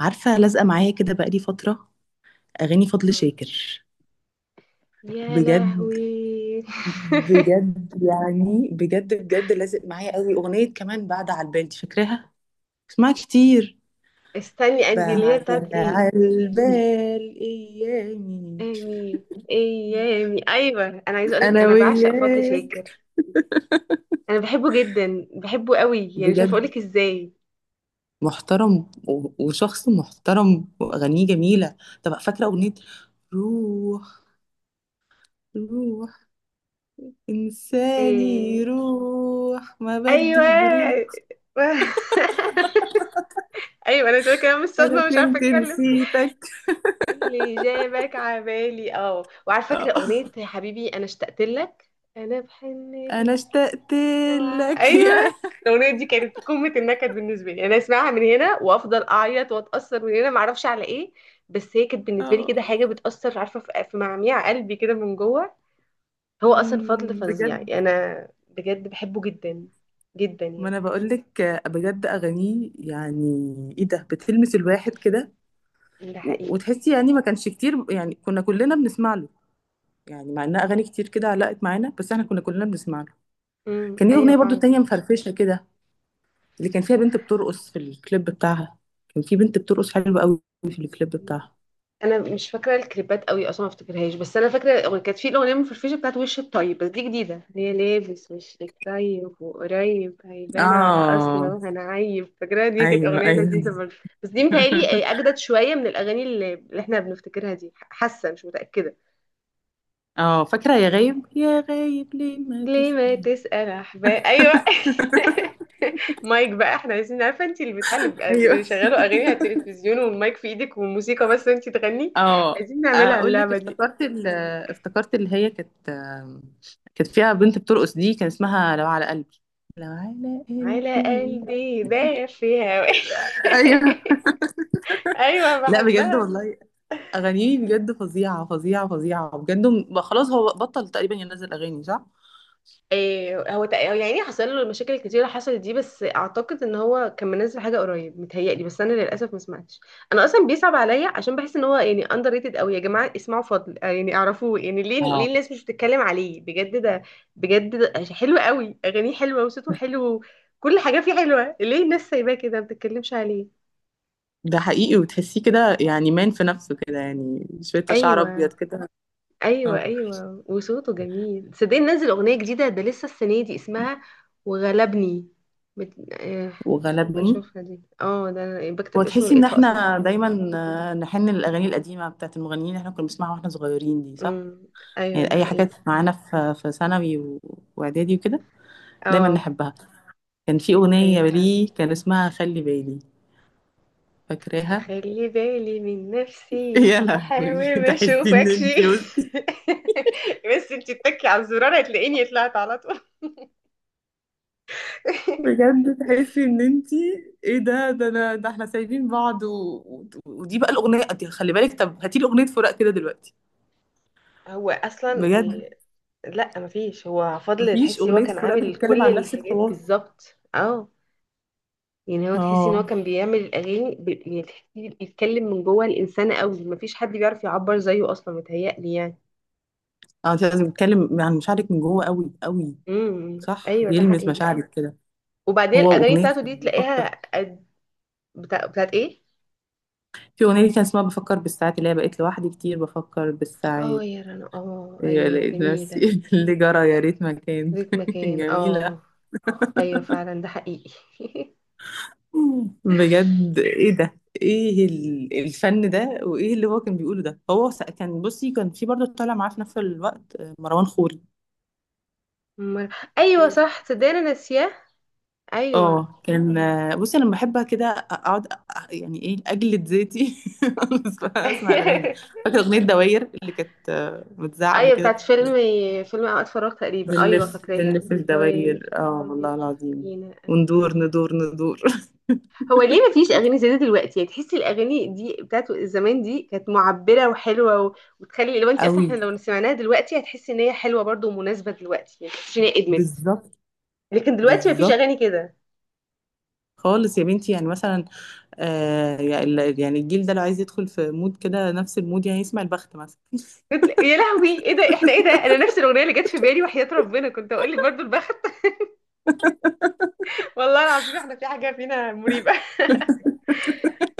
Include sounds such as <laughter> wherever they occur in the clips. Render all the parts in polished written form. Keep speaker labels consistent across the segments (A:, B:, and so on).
A: عارفة، لازقة معايا كده بقالي فترة. أغاني فضل
B: مم.
A: شاكر.
B: يا
A: بجد
B: لهوي. <laughs>
A: بجد، يعني بجد بجد لازق معايا قوي. أغنية كمان بعد على البال، دي فاكراها؟ اسمعها كتير.
B: استني اندي اللي هي بتاعت
A: بعد
B: ايه؟
A: على البال أيامي.
B: ايامي، ايامي، ايوه، انا عايزه اقولك
A: أنا
B: انا بعشق فضل شاكر.
A: وياك.
B: انا بحبه جدا، بحبه قوي، يعني مش عارفه
A: بجد.
B: اقولك ازاي.
A: محترم وشخص محترم وأغانيه جميلة. طب فاكرة أغنية روح؟ روح إنساني
B: إيه...
A: روح ما
B: ايوه.
A: بدي جروح.
B: <laughs> ايوه، انا شويه كلام
A: أنا
B: الصدمه مش عارفه
A: كنت
B: اتكلم.
A: نسيتك.
B: اللي جابك عبالي، اه، وعلى فكره
A: آه.
B: اغنيه يا حبيبي انا اشتقت لك، انا بحن،
A: انا اشتقت
B: شمعة،
A: لك
B: ايوه.
A: يا.
B: الاغنيه دي كانت قمه النكد بالنسبه لي، انا اسمعها من هنا وافضل اعيط واتاثر من هنا، ما اعرفش على ايه، بس هي كانت بالنسبه لي
A: آه.
B: كده حاجه بتاثر، عارفه، في معميع قلبي كده من جوه. هو اصلا فضل
A: مم،
B: فظيع،
A: بجد.
B: يعني انا بجد بحبه جدا جدا
A: ما
B: يعني.
A: انا بقول لك. بجد اغانيه يعني ايه ده، بتلمس الواحد كده.
B: ده
A: و-
B: حقيقي.
A: وتحسي يعني ما كانش كتير، يعني كنا كلنا بنسمع له. يعني مع انها اغاني كتير كده علقت معانا، بس احنا كنا كلنا بنسمع له.
B: امم،
A: كان ليه
B: ايوه
A: اغنيه برضو
B: فعلا.
A: تانية مفرفشه كده، اللي كان فيها بنت بترقص في الكليب بتاعها. كان في بنت بترقص حلوه قوي في الكليب بتاعها.
B: انا مش فاكره الكليبات قوي اصلا، ما افتكرهاش، بس انا فاكره كانت في الاغنيه المفرفشه بتاعت وش الطيب، بس دي جديده اللي هي لابس وشك طيب وقريب هيبان على اصله
A: اه.
B: هنعيب. فاكره دي كانت
A: ايوه
B: اغنيه
A: ايوه.
B: لذيذه برضه، بس دي متهيألي
A: <laughs>
B: اجدد شويه من الاغاني اللي احنا بنفتكرها دي، حاسه مش متاكده.
A: اه، فاكرة يا غايب يا غايب ليه ما
B: ليه ما
A: تسأل؟
B: تسال احباب، ايوه.
A: <laughs>
B: <laughs> مايك بقى، احنا عايزين، عارفه انت اللي بتاع اللي بيبقى
A: ايوه.
B: بيشغلوا اغاني على التلفزيون والمايك في ايدك والموسيقى بس انت تغني،
A: اه،
B: عايزين نعملها
A: اقول لك،
B: اللعبه دي.
A: افتكرت افتكرت اللي هي كانت، كانت فيها بنت بترقص دي، كان اسمها لو على قلبي. لو على
B: على
A: قلبي.
B: قلبي دافية. <laughs>
A: ايوه.
B: ايوه،
A: لا بجد
B: بحبها.
A: والله اغانيه بجد فظيعه فظيعه فظيعه، بجد خلاص، هو بطل تقريبا ينزل اغاني، صح.
B: هو يعني حصل له مشاكل كتيرة حصلت دي، بس اعتقد ان هو كان منزل حاجة قريب متهيألي، بس انا للاسف ما سمعتش. انا اصلا بيصعب عليا عشان بحس ان هو يعني اندر ريتد قوي. يا جماعة اسمعوا فضل، آه، يعني اعرفوه، يعني ليه، ليه
A: اه
B: الناس مش بتتكلم عليه؟ بجد ده بجد، ده حلو قوي، اغانيه حلوة وصوته حلو. كل حاجة فيه حلوة، ليه الناس سايباه كده ما بتتكلمش عليه؟
A: ده حقيقي. وتحسيه كده، يعني مان في نفسه كده، يعني شويه شعر ابيض
B: ايوه،
A: كده.
B: ايوه
A: اه.
B: ايوه، وصوته جميل، صدقني نزل اغنيه جديده ده لسه السنه دي، اسمها وغلبني. بت... آه... نبقى
A: وغلبني.
B: نشوفها دي، اه، ده أنا بكتب اسمه
A: وتحسي ان
B: لقيتها اصلا
A: احنا
B: طالعه.
A: دايما آه، نحن للاغاني القديمه بتاعت المغنيين اللي احنا كنا بنسمعها واحنا صغيرين دي، صح.
B: امم، ايوه
A: يعني
B: ده
A: اي حاجات
B: حقيقي.
A: معانا في ثانوي واعدادي وكده. دايما
B: اه.
A: نحبها. كان في اغنيه
B: ايوه فعلا.
A: ليه كان اسمها خلي بالي، فاكراها؟
B: هخلي بالي من
A: <laughs>
B: نفسي
A: يا لهوي،
B: واحاول ما
A: تحسي ان
B: اشوفكش.
A: انتي، بصي.
B: <laughs> بس انتي تتكي على الزرار هتلاقيني طلعت على طول. <laughs>
A: بجد تحسي ان انتي ايه ده، ده انا، ده احنا سايبين بعض ودي بقى الاغنيه دي خلي بالك. طب هاتي لي اغنيه فراق كده دلوقتي،
B: هو اصلا
A: بجد.
B: إيه؟ لا مفيش، هو فضل
A: مفيش
B: تحسي هو
A: اغنيه
B: كان
A: فراق
B: عامل
A: بتتكلم
B: كل
A: عن نفس
B: الحاجات
A: الحوار.
B: بالظبط، اه. يعني هو تحسي ان هو
A: اه.
B: كان بيعمل الاغاني. يعني تحسي بيتكلم من جوه الانسان قوي، مفيش حد بيعرف يعبر زيه اصلا متهيألي يعني.
A: اه، انت لازم تتكلم عن مشاعرك من جوه قوي قوي.
B: امم،
A: صح،
B: ايوه ده
A: بيلمس
B: حقيقي.
A: مشاعرك كده.
B: وبعدين
A: هو
B: الاغاني
A: اغنيه
B: بتاعته
A: كان
B: دي
A: بفكر،
B: تلاقيها. قد- بتاعت ايه؟
A: في اغنيه لي كان اسمها بفكر بالساعات، اللي هي بقيت لوحدي كتير بفكر
B: اه
A: بالساعات.
B: يا رنا، اه
A: إيه،
B: ايوه ده
A: لقيت
B: جميل
A: نفسي
B: ده.
A: <laughs> اللي جرى يا ريت ما كان
B: ليك
A: <laughs>
B: مكان، اه.
A: جميله.
B: ايوه فعلا ده حقيقي. <laughs>
A: بجد ايه ده، ايه الفن ده، وايه اللي هو كان بيقوله ده. هو كان بصي، كان في برضه طالع معاه في نفس الوقت آه، مروان خوري.
B: أمال- ايوه صح، تصدقني انا ناسياه. ايوه.
A: اه. كان بصي انا لما بحبها كده اقعد يعني ايه، اجلد ذاتي. <laughs> اسمع الاغاني دي.
B: <laughs>
A: فاكره اغنيه دواير اللي كانت متذاعه قبل
B: ايوه،
A: كده.
B: بتاعت فيلم، فيلم اوقات فراغ تقريبا، ايوه
A: بنلف
B: فاكراها،
A: بنلف
B: الدوائر
A: الدواير، اه
B: الدنيا
A: والله
B: تلف
A: العظيم.
B: بينا، ايوه.
A: وندور ندور ندور. <laughs>
B: هو ليه ما فيش اغاني زي دي دلوقتي؟ يعني تحسي الاغاني دي بتاعت زمان دي كانت معبره وحلوه و وتخلي لو انت اصلا
A: قوي.
B: احنا لو سمعناها دلوقتي هتحسي ان هي حلوه برضو ومناسبه دلوقتي، يعني تحسي ان هي ادمت.
A: بالظبط.
B: لكن دلوقتي ما فيش
A: بالظبط
B: اغاني كده.
A: خالص يا بنتي، يعني مثلا آه، يعني الجيل ده لو عايز يدخل في مود كده نفس المود، يعني يسمع البخت مثلا.
B: يا لهوي، ايه ده؟ احنا ايه ده؟ انا نفس الاغنيه اللي جت في بالي، وحياه ربنا كنت اقول لك برضو البخت. <laughs> والله العظيم احنا في حاجه فينا مريبه. <laughs>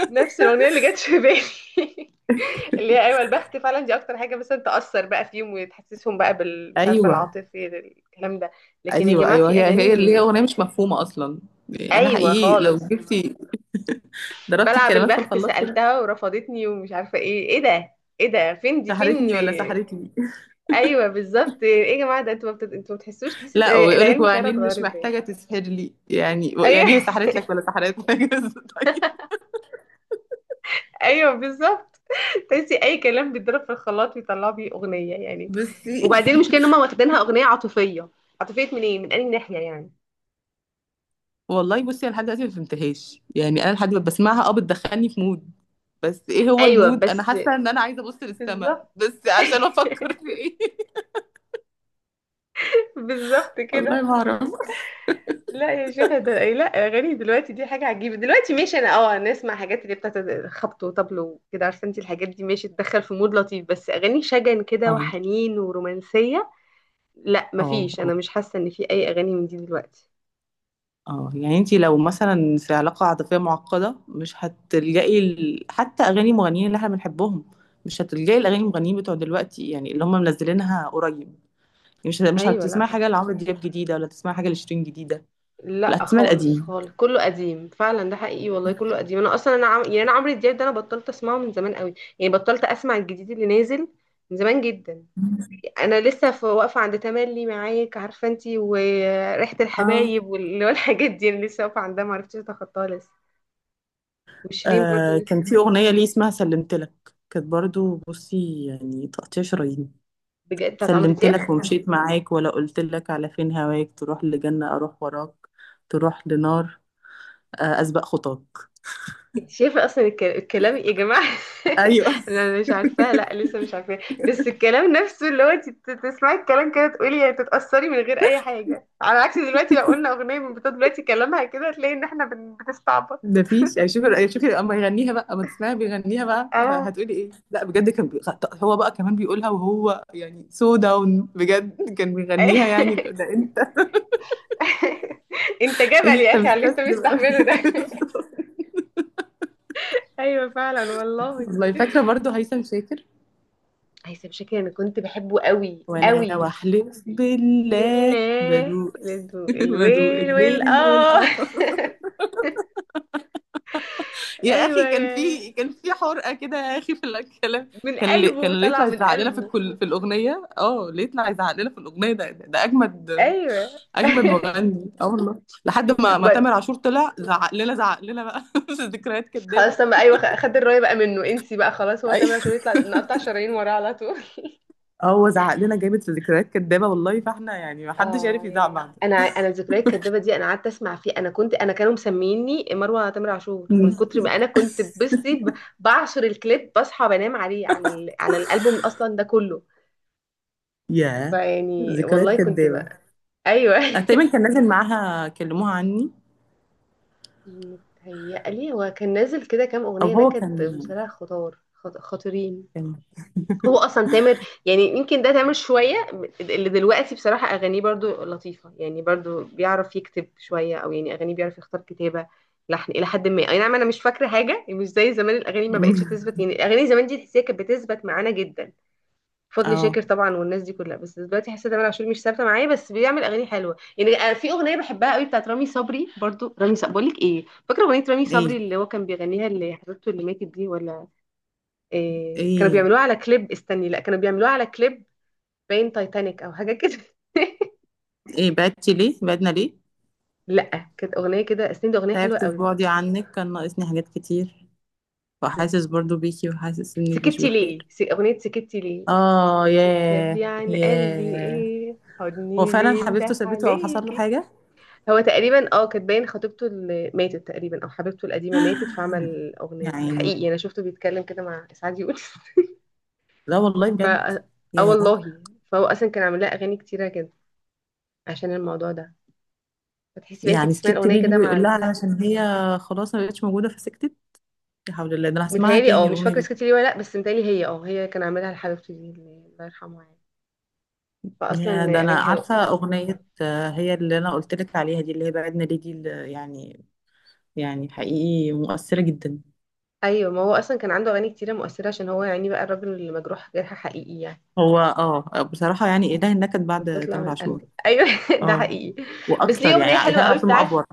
B: نفس الاغنيه اللي جت في بالي. <laughs> اللي هي ايوه، البخت فعلا، دي اكتر حاجه مثلا تاثر بقى فيهم وتحسسهم بقى بال، مش عارفه،
A: ايوه
B: العاطفه الكلام ده. لكن يا
A: ايوه
B: جماعه
A: ايوه.
B: في
A: هي اللي هي
B: اغاني،
A: اغنيه مش مفهومه اصلا، يعني انا
B: ايوه
A: حقيقي لو
B: خالص.
A: جبتي <laughs> ضربتي
B: بلعب
A: الكلمات في
B: البخت،
A: الخلاط كده.
B: سألتها ورفضتني ومش عارفة ايه، ايه ده، ايه ده؟ فين دي فين؟
A: سحرتني ولا سحرتني. <laughs>
B: ايوه بالظبط. ايه يا جماعة، ده انتوا ما بتت- انتوا ما بتحسوش تحس
A: لا، ويقولك
B: العيال مشاعرها
A: وعينين مش
B: اتغيرت؟ باين.
A: محتاجة تسحر لي، يعني هي
B: ايوه.
A: سحرت لك ولا
B: <laughs>
A: سحرت لك. <laughs> طيب.
B: ايوه بالظبط. تحسي اي كلام بيتضرب في الخلاط بيطلعوا بيه اغنية يعني.
A: بصي،
B: وبعدين المشكلة ان هم واخدينها اغنية عاطفية، عاطفية من ايه، من انهي ناحية يعني؟
A: والله بصي، انا لحد دلوقتي ما فهمتهاش، يعني انا لحد ما بسمعها اه بتدخلني في مود، بس ايه هو
B: ايوه
A: المود؟ انا
B: بس.
A: حاسه ان انا عايزه ابص للسما
B: بالظبط.
A: بس عشان افكر في
B: <laughs>
A: ايه؟ <laughs>
B: بالظبط
A: والله
B: كده.
A: ما اعرف.
B: لا يا شيخة ده إيه؟ لا اغاني دلوقتي دي حاجه عجيبه دلوقتي، ماشي، انا اه انا اسمع حاجات اللي بتاعت خبط وطبل وكده، عارفه انت الحاجات دي ماشي، تدخل في مود لطيف، بس اغاني شجن كده
A: <laughs>
B: وحنين ورومانسيه، لا
A: اه
B: مفيش،
A: اه
B: انا مش حاسه ان في اي اغاني من دي دلوقتي.
A: اه. يعني انتي لو مثلا في علاقة عاطفية معقدة، مش هتلجئي حتى اغاني مغنيين اللي احنا بنحبهم، مش هتلجئي الاغاني المغنيين بتوع دلوقتي، يعني اللي هم منزلينها قريب. يعني مش
B: ايوه،
A: هتسمعي
B: لا.
A: حاجة لعمرو دياب جديدة، ولا تسمعي حاجة لشيرين جديدة. لا،
B: لا
A: هتسمعي
B: خالص،
A: القديم.
B: خالص كله قديم فعلا، ده حقيقي والله كله قديم. انا اصلا يعني انا عمرو دياب ده انا بطلت اسمعه من زمان قوي، يعني بطلت اسمع الجديد اللي نازل من زمان جدا. انا لسه في واقفه عند تملي معاك، عارفه انتي، وريحه
A: اه.
B: الحبايب <laughs> والحاجات دي، انا لسه واقفه عندها ما عرفتش اتخطاها لسه. وشيرين برضو
A: آه كان
B: نفسي.
A: في اغنية ليه اسمها سلمتلك، كانت برضو بصي يعني تقطيع شرايين.
B: بجد بتاعت عمرو دياب.
A: سلمتلك ومشيت معاك، ولا قلتلك على فين هواك؟ تروح لجنة اروح وراك، تروح لنار آه اسبق خطاك.
B: انت شايفه اصلا الكلام إيه يا جماعه؟
A: ايوه.
B: <laughs> انا مش عارفاها، لا لسه مش عارفاها، بس الكلام نفسه اللي هو انت تسمعي الكلام كده تقولي، يعني تتاثري من غير اي حاجه، على عكس دلوقتي لو قلنا اغنيه من بتوع دلوقتي كلامها كده هتلاقي ان احنا بنستعبط.
A: ده فيش، يعني شوفي، يعني شوفي اما يغنيها بقى، اما تسمعي بيغنيها بقى
B: اه.
A: هتقولي ايه. لا بجد، كان هو بقى كمان بيقولها، وهو يعني سو داون بجد كان بيغنيها، يعني ده
B: <laughs>
A: ده انت.
B: انت جبل يا
A: انت
B: اخي على اللي انت
A: مستسلم أوي.
B: مستحمله ده.
A: <laughs>
B: ايوه فعلا والله.
A: والله، فاكره برضو هيثم شاكر.
B: هيثم شاكر انا كنت بحبه قوي
A: وانا
B: قوي.
A: واحلف بالله
B: لله
A: بدوق.
B: للدو
A: <laughs> بدوق
B: الويل ويل،
A: الليل
B: اه. <laughs>
A: والقمر. يا
B: ايوه
A: اخي كان
B: يا.
A: في كان في حرقه كده، يا اخي في الكلام.
B: من
A: كان
B: قلبه
A: اللي
B: طلع،
A: يطلع
B: من
A: يزعق لنا في
B: قلبه.
A: الكل في الاغنيه، اه اللي يطلع يزعق لنا في الاغنيه ده، ده ده اجمد
B: ايوه.
A: اجمد
B: <laughs>
A: مغني، اه والله، لحد ما
B: وبعد،
A: تامر عاشور طلع زعق لنا، زعق لنا بقى <laughs> في ذكريات كدابه.
B: خلاص تم، ايوه، خد الرايه بقى منه، انسي بقى خلاص، هو تامر
A: ايوه.
B: عاشور يطلع نقطع شرايين وراه على طول.
A: اه، هو زعق لنا جامد في ذكريات كدابه، والله فاحنا يعني ما حدش
B: اه
A: عارف يزعق
B: ياه.
A: بعد.
B: انا الذكريات الكدابه دي انا قعدت اسمع فيه، انا كنت، انا كانوا مسميني مروه تامر عاشور من كتر ما انا كنت بصي بعشر الكليب، بصحى بنام عليه على على الالبوم اصلا ده كله،
A: يا
B: فيعني والله
A: ذكريات
B: كنت
A: كدابه،
B: بقى. ايوه. <laughs>
A: أنا تقريبا كان نازل معاها. كلموها عني.
B: متهيألي هو كان نازل كده كام
A: او
B: اغنيه
A: هو كان
B: نكد بصراحه، خطار خطيرين.
A: كان
B: هو اصلا تامر، يعني يمكن ده تامر شويه اللي دلوقتي بصراحه اغانيه برضو لطيفه، يعني برضو بيعرف يكتب شويه او يعني اغانيه بيعرف يختار كتابه، لحن الى حد ما، اي نعم، انا مش فاكره حاجه مش زي زمان، الاغاني ما بقتش تثبت
A: <laughs>
B: يعني، الاغاني زمان دي تحسيها كانت بتثبت معانا جدا، فضل
A: اه.
B: شاكر طبعا والناس دي كلها، بس دلوقتي حاسه تامر عاشور مش ثابته معايا، بس بيعمل اغاني حلوه يعني. أنا في اغنيه بحبها قوي بتاعت رامي صبري، برضو رامي صبري، بقول لك ايه، فاكره اغنيه رامي صبري
A: ايه
B: اللي هو كان بيغنيها اللي حبيبته اللي ماتت دي ولا إيه؟ كانوا
A: ايه؟
B: بيعملوها على كليب، استني، لا كانوا بيعملوها على كليب، باين تايتانيك او حاجه كده. <laughs>
A: ايه بعدتي ليه، بعدنا ليه؟
B: لا كانت اغنيه كده، استني، دي اغنيه حلوه
A: تعبت في
B: قوي.
A: بعدي عنك، كان ناقصني حاجات كتير،
B: لا،
A: وحاسس برضو بيكي وحاسس انك مش
B: سكتي ليه،
A: بخير.
B: اغنيه سكتي ليه.
A: اه ياه.
B: بتخبي عن قلبي
A: ياه.
B: ايه،
A: هو
B: حضني
A: فعلا
B: بين
A: حبيبته
B: ده
A: سابته او حصل له
B: عليكي.
A: حاجة؟
B: هو تقريبا اه كانت باين خطيبته اللي ماتت تقريبا، او حبيبته القديمه ماتت،
A: <gasps>
B: فعمل
A: <sighs>
B: اغنيه، ده
A: يعني.
B: حقيقي انا شفته بيتكلم كده مع اسعاد يونس.
A: لا والله
B: <laughs> ف،
A: بجد.
B: اه
A: ياه.
B: والله. فهو اصلا كان عامل لها اغاني كتيره كده عشان الموضوع ده، فتحسي بقى انتي
A: يعني
B: بتسمعي
A: سكت
B: الاغنيه
A: ليه اللي
B: كده مع
A: بيقول لها؟
B: القصه.
A: علشان هي خلاص ما بقتش موجودة فسكتت. لا حول الله، ده انا هسمعها
B: متهيألي، اه
A: تاني
B: مش
A: الأغنية
B: فاكرة
A: دي.
B: سكتي ليه ولا لأ، بس متهيألي هي، اه هي كان عاملها لحبيبته دي اللي الله يرحمها يعني، فأصلا
A: يا ده، انا
B: أغاني حلوة.
A: عارفة أغنية آه، هي اللي انا قلت لك عليها دي، اللي هي بعدنا ليه دي اللي يعني. يعني حقيقي مؤثرة جدا.
B: أيوة ما هو أصلا كان عنده أغاني كتيرة مؤثرة عشان هو يعني بقى الراجل اللي مجروح جرح حقيقي يعني،
A: هو اه بصراحة يعني إله النكد بعد
B: بتطلع
A: تامر
B: من قلبه.
A: عاشور.
B: أيوة. <laughs> ده
A: اه.
B: حقيقي. بس ليه
A: وأكتر،
B: أغنية
A: يعني
B: حلوة
A: تامر
B: قوي
A: عاشور
B: بتاعت،
A: مأفور.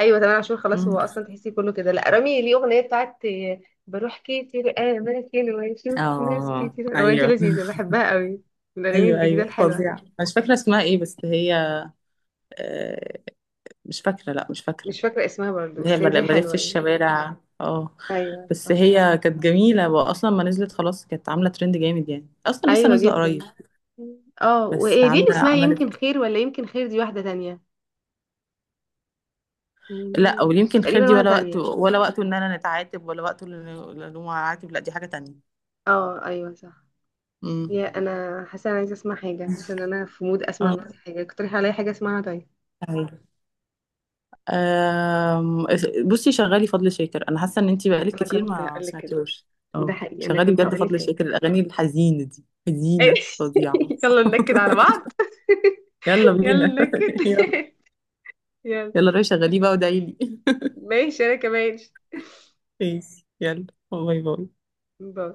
B: أيوة تمام، عاشور خلاص، هو
A: مم.
B: أصلا تحسي كله كده، لأ رامي ليه أغنية بتاعت، آه، بروح كتير أماكن وأشوف ناس
A: اه
B: كتير، الأغنية دي
A: أيوه.
B: لذيذة بحبها قوي، من الأغاني
A: أيوه
B: الجديدة
A: أيوه
B: الحلوة.
A: فظيع. مش فاكرة اسمها إيه بس هي آه، مش فاكرة، لا مش فاكرة.
B: مش فاكرة اسمها برضه،
A: اللي هي
B: بس هي دي
A: بلف في
B: حلوة يعني.
A: الشوارع. اه. بس
B: أيوة،
A: هي كانت جميلة وأصلا ما نزلت خلاص، كانت عاملة ترند جامد يعني، أصلا لسه
B: ايوه
A: نازلة قريب.
B: جدا. اه
A: بس
B: وايه دي اللي
A: عاملة
B: اسمها يمكن
A: عملت.
B: خير، ولا يمكن خير دي واحدة تانية.
A: لا، ولا
B: مم.
A: يمكن خير
B: تقريبا
A: دي،
B: واحدة
A: ولا وقت،
B: تانية.
A: ولا وقته إن أنا نتعاتب، ولا وقته إن إن هو عاتب. لا دي حاجة تانية.
B: اه ايوه صح.
A: امم.
B: يا انا حاسة انا عايزة اسمع حاجة، حاسة ان انا في مود اسمع دلوقتي حاجة، اقترحي عليا حاجة اسمعها طيب.
A: اه. أم، بصي شغالي فضل شاكر، انا حاسه ان انتي بقالك
B: انا
A: كتير
B: كنت
A: ما
B: هقول لك كده.
A: سمعتيهوش.
B: ده
A: اه،
B: حقيقي، انا
A: شغالي
B: كنت
A: بجد
B: هقول لك
A: فضل
B: كده.
A: شاكر، الاغاني الحزينه دي حزينه
B: <laughs>
A: فظيعه.
B: يلا ننكد على بعض.
A: يلا
B: <laughs> يلا
A: بينا.
B: ننكد.
A: <laughs> يلا.
B: <laughs> يلا.
A: يلا روحي شغليه بقى ودعيلي. <laughs>
B: ماشي انا كمان.
A: ماشي، يلا باي باي.
B: باي.